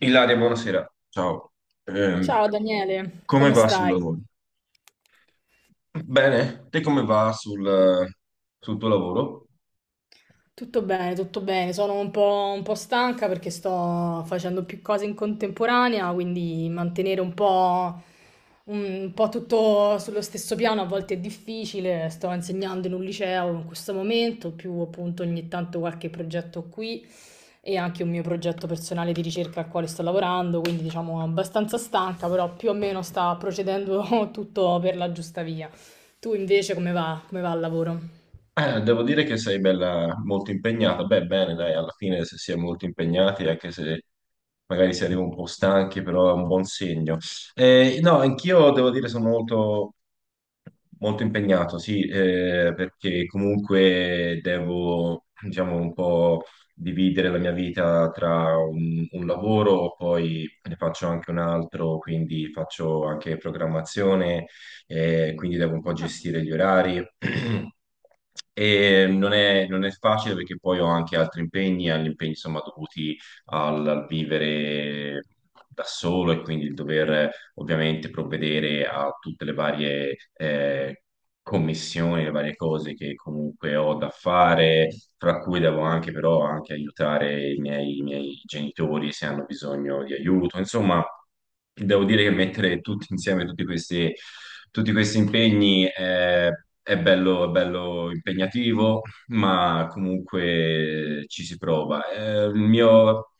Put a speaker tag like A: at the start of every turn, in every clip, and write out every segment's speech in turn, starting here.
A: Ilaria, buonasera. Ciao, Ehm,
B: Ciao Daniele,
A: come
B: come
A: va sul
B: stai?
A: lavoro? Bene, te come va sul, sul tuo lavoro?
B: Tutto bene, tutto bene. Sono un po' stanca perché sto facendo più cose in contemporanea, quindi mantenere un po' tutto sullo stesso piano a volte è difficile. Sto insegnando in un liceo in questo momento, più appunto ogni tanto qualche progetto qui, e anche un mio progetto personale di ricerca al quale sto lavorando, quindi diciamo abbastanza stanca, però più o meno sta procedendo tutto per la giusta via. Tu invece come va? Come va al lavoro?
A: Devo dire che sei bella, molto impegnata. Beh, bene, dai, alla fine se si è molto impegnati, anche se magari si arriva un po' stanchi, però è un buon segno. No, anch'io devo dire sono molto impegnato, sì, perché comunque devo, diciamo, un po' dividere la mia vita tra un lavoro, poi ne faccio anche un altro, quindi faccio anche programmazione, quindi devo un po'
B: Ah,
A: gestire gli orari. E non è facile perché poi ho anche altri impegni, agli impegni insomma dovuti al vivere da solo e quindi il dover ovviamente provvedere a tutte le varie commissioni, le varie cose che comunque ho da fare, fra cui devo anche però anche aiutare i miei genitori se hanno bisogno di aiuto. Insomma, devo dire che mettere tutti insieme tutti questi impegni è bello impegnativo ma comunque ci si prova. Il mio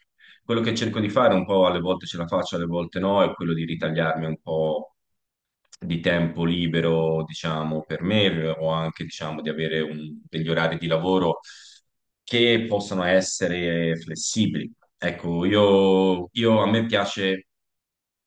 A: quello che cerco di fare un po' alle volte ce la faccio, alle volte no, è quello di ritagliarmi un po' di tempo libero, diciamo, per me o anche, diciamo, di avere degli orari di lavoro che possano essere flessibili. Ecco, a me piace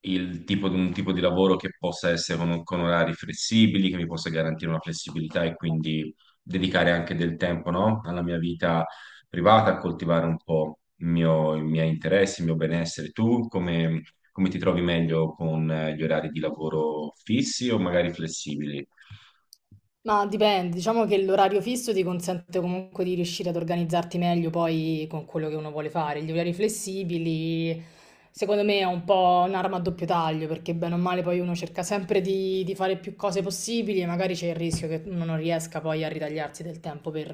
A: un tipo di lavoro che possa essere con orari flessibili, che mi possa garantire una flessibilità e quindi dedicare anche del tempo, no? Alla mia vita privata, a coltivare un po' i miei interessi, il mio benessere. Tu come come ti trovi meglio con gli orari di lavoro fissi o magari flessibili?
B: ma dipende, diciamo che l'orario fisso ti consente comunque di riuscire ad organizzarti meglio poi con quello che uno vuole fare. Gli orari flessibili, secondo me, è un po' un'arma a doppio taglio, perché bene o male poi uno cerca sempre di fare più cose possibili e magari c'è il rischio che uno non riesca poi a ritagliarsi del tempo per,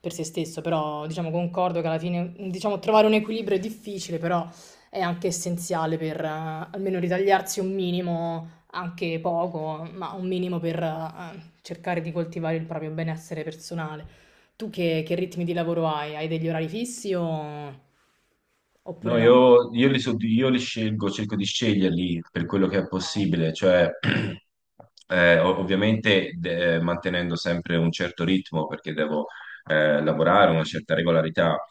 B: per se stesso. Però, diciamo, concordo che alla fine, diciamo, trovare un equilibrio è difficile, però è anche essenziale per almeno ritagliarsi un minimo anche poco, ma un minimo per cercare di coltivare il proprio benessere personale. Tu che ritmi di lavoro hai? Hai degli orari fissi oppure
A: No,
B: no?
A: io li scelgo, cerco di sceglierli per quello che è
B: Ah, ok.
A: possibile, cioè ovviamente mantenendo sempre un certo ritmo perché devo lavorare, una certa regolarità,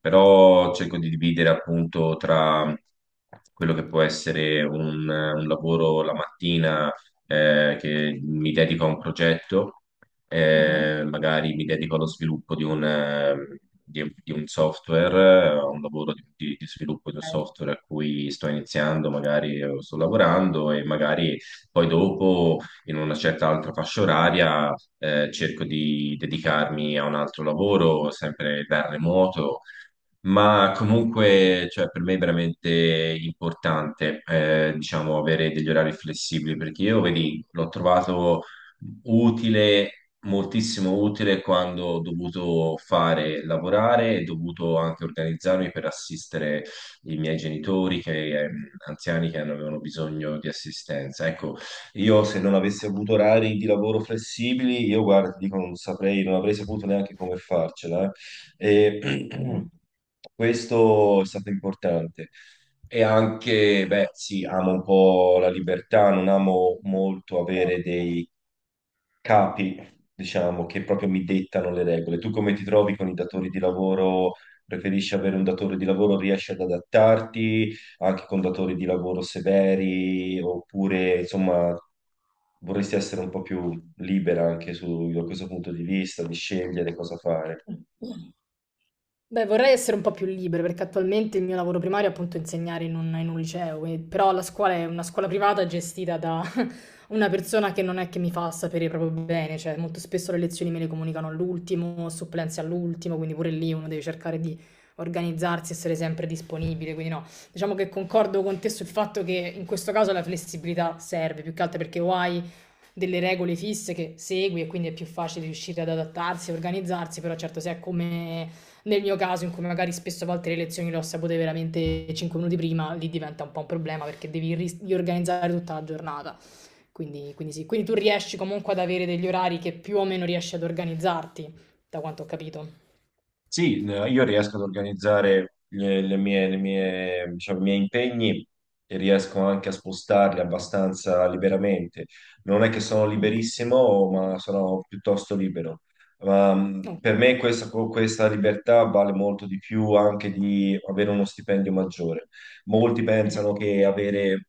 A: però cerco di dividere appunto tra quello che può essere un lavoro la mattina che mi dedico a un progetto
B: Mhm.
A: magari mi dedico allo sviluppo di di di un software, a un lavoro di sviluppo di un
B: Ok.
A: software a cui sto iniziando, magari sto lavorando e magari poi dopo in una certa altra fascia oraria cerco di dedicarmi a un altro lavoro, sempre da remoto. Ma comunque, cioè, per me è veramente importante, diciamo, avere degli orari flessibili perché io, vedi, l'ho trovato utile, moltissimo utile quando ho dovuto fare lavorare e dovuto anche organizzarmi per assistere i miei genitori che, anziani che avevano bisogno di assistenza. Ecco, io se non avessi avuto orari di lavoro flessibili, io guarda, ti dico, non saprei, non avrei saputo neanche come farcela. E
B: Mm.
A: questo è stato importante. E anche, beh, sì, amo un po' la libertà, non amo molto
B: Però-
A: avere dei capi, diciamo, che proprio mi dettano le regole. Tu come ti trovi con i datori di lavoro? Preferisci avere un datore di lavoro, riesci ad adattarti anche con datori di lavoro severi, oppure insomma vorresti essere un po' più libera anche su, da questo punto di vista, di scegliere cosa fare?
B: Mm. Beh, vorrei essere un po' più libera, perché attualmente il mio lavoro primario è appunto insegnare in un liceo, e però la scuola è una scuola privata gestita da una persona che non è che mi fa sapere proprio bene, cioè molto spesso le lezioni me le comunicano all'ultimo, supplenze all'ultimo, quindi pure lì uno deve cercare di organizzarsi, essere sempre disponibile, quindi no. Diciamo che concordo con te sul fatto che in questo caso la flessibilità serve, più che altro perché o hai delle regole fisse che segui e quindi è più facile riuscire ad adattarsi, organizzarsi, però certo se è come nel mio caso in cui magari spesso a volte le lezioni le ho sapute veramente 5 minuti prima, lì diventa un po' un problema perché devi riorganizzare tutta la giornata. Quindi, quindi sì, tu riesci comunque ad avere degli orari che più o meno riesci ad organizzarti, da quanto ho capito.
A: Sì, io riesco ad organizzare diciamo, i miei impegni e riesco anche a spostarli abbastanza liberamente. Non è che sono
B: Ok.
A: liberissimo, ma sono piuttosto libero. Ma,
B: Ok.
A: per me questa libertà vale molto di più anche di avere uno stipendio maggiore. Molti
B: Mhm.
A: pensano che avere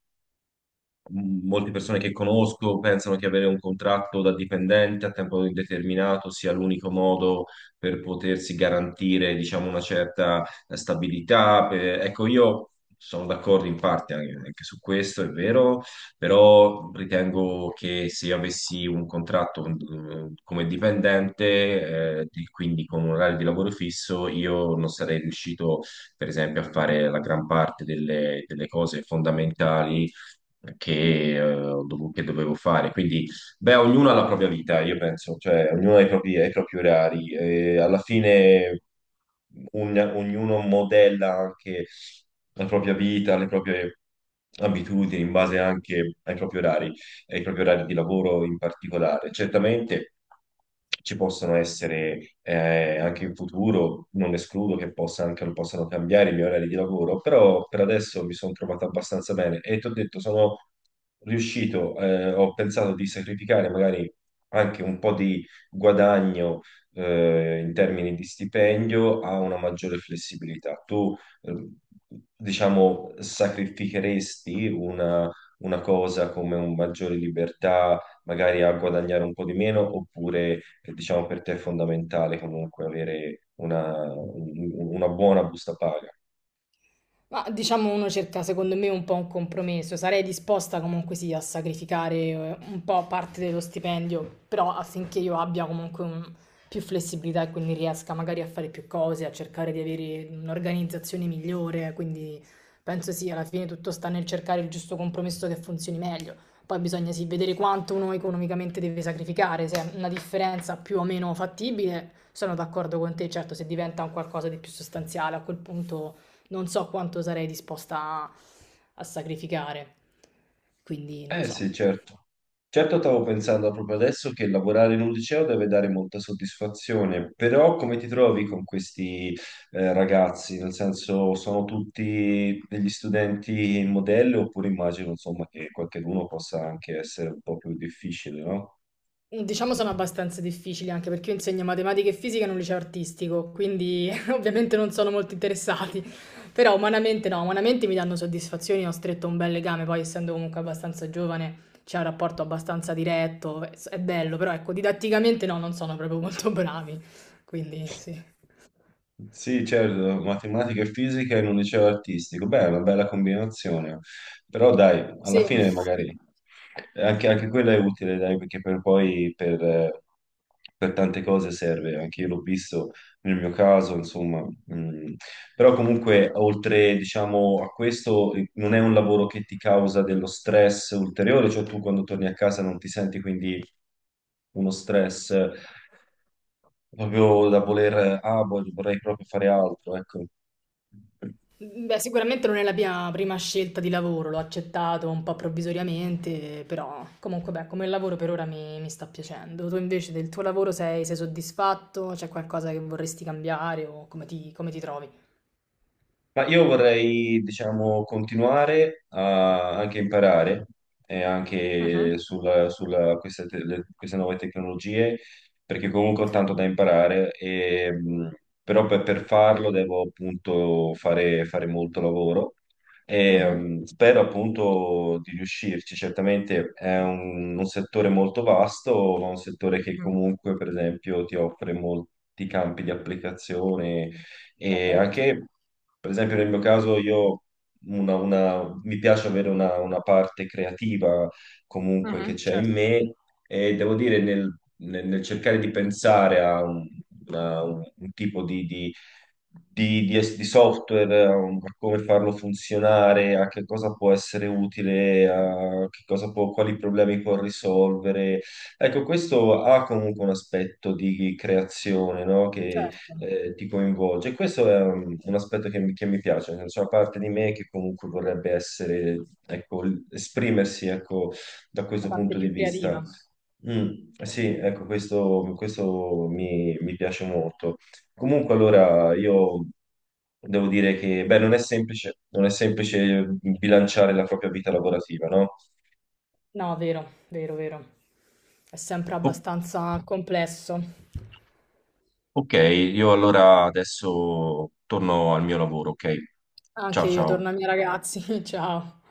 A: m- molte persone che conosco pensano che avere un contratto da dipendente a tempo indeterminato sia l'unico modo per potersi garantire, diciamo, una certa stabilità. Ecco, io sono d'accordo in parte anche su questo, è vero, però ritengo che se io avessi un contratto come dipendente, quindi con un orario di lavoro fisso, io non sarei riuscito per esempio, a fare la gran parte delle cose fondamentali che, che dovevo fare. Quindi, beh, ognuno ha la propria vita, io penso, cioè ognuno ha i propri orari. E alla fine ognuno modella anche la propria vita, le proprie abitudini in base anche ai propri orari di lavoro in particolare. Certamente ci possono essere anche in futuro, non escludo che possano cambiare i miei orari di lavoro, però per adesso mi sono trovato abbastanza bene e ti ho detto, sono riuscito, ho pensato di sacrificare magari anche un po' di guadagno in termini di stipendio a una maggiore flessibilità. Eh, diciamo, sacrificheresti una cosa come un maggiore libertà, magari a guadagnare un po' di meno, oppure diciamo per te è fondamentale comunque avere una buona busta paga?
B: Ma diciamo uno cerca secondo me un po' un compromesso, sarei disposta comunque sì a sacrificare un po' parte dello stipendio, però affinché io abbia comunque un- più flessibilità e quindi riesca magari a fare più cose, a cercare di avere un'organizzazione migliore, quindi penso sì, alla fine tutto sta nel cercare il giusto compromesso che funzioni meglio. Poi bisogna sì vedere quanto uno economicamente deve sacrificare, se è una differenza più o meno fattibile, sono d'accordo con te, certo se diventa un qualcosa di più sostanziale a quel punto non so quanto sarei disposta a, a sacrificare, quindi non lo
A: Eh
B: so.
A: sì, certo. Certo, stavo pensando proprio adesso che lavorare in un liceo deve dare molta soddisfazione, però come ti trovi con questi ragazzi? Nel senso, sono tutti degli studenti in modello oppure immagino, insomma, che qualcheduno possa anche essere un po' più difficile, no?
B: Diciamo sono abbastanza difficili anche perché io insegno matematica e fisica in un liceo artistico, quindi ovviamente non sono molto interessati, però umanamente no, umanamente mi danno soddisfazioni, ho stretto un bel legame, poi essendo comunque abbastanza giovane c'è un rapporto abbastanza diretto, è bello, però ecco, didatticamente no, non sono proprio molto bravi, quindi sì.
A: Sì, certo, matematica e fisica in un liceo artistico. Beh, è una bella combinazione, però dai, alla
B: Sì.
A: fine magari anche quella è utile, dai, perché per tante cose serve. Anche io l'ho visto nel mio caso, insomma, mm, però comunque, oltre, diciamo, a questo, non è un lavoro che ti causa dello stress ulteriore, cioè tu quando torni a casa non ti senti quindi uno stress proprio da vorrei proprio fare altro, ecco.
B: Beh, sicuramente non è la mia prima scelta di lavoro, l'ho accettato un po' provvisoriamente, però comunque beh, come lavoro per ora mi sta piacendo. Tu invece del tuo lavoro sei soddisfatto? C'è qualcosa che vorresti cambiare o come ti trovi?
A: Ma io vorrei, diciamo, continuare a anche imparare anche
B: Mhm.
A: queste nuove tecnologie, perché comunque ho
B: Ok.
A: tanto da imparare, però per farlo devo appunto fare molto lavoro e
B: Mhm.
A: spero appunto di riuscirci. Certamente è un settore molto vasto, ma un settore che
B: Mhm.
A: comunque, per esempio, ti offre molti campi di applicazione e
B: Certo.
A: anche. Per esempio, nel mio caso, mi piace avere una parte creativa comunque che
B: Mhm.
A: c'è in
B: Certo,
A: me e devo dire nel cercare di pensare a un tipo di software, a a come farlo funzionare, a che cosa può essere utile, a che quali problemi può risolvere. Ecco, questo ha comunque un aspetto di creazione, no?
B: certo,
A: Ti coinvolge. Questo è un aspetto che, mi piace, cioè, c'è una parte di me che comunque vorrebbe essere, ecco, esprimersi, ecco, da
B: la
A: questo
B: parte
A: punto di
B: più
A: vista.
B: creativa.
A: Mm, sì, ecco, questo mi, mi piace molto. Comunque, allora, io devo dire che, beh, non è semplice bilanciare la propria vita lavorativa, no?
B: No, vero, vero, vero. È sempre
A: O-
B: abbastanza complesso.
A: ok, io allora adesso torno al mio lavoro, ok?
B: Anche
A: Ciao
B: io
A: ciao.
B: torno ai miei ragazzi, ciao.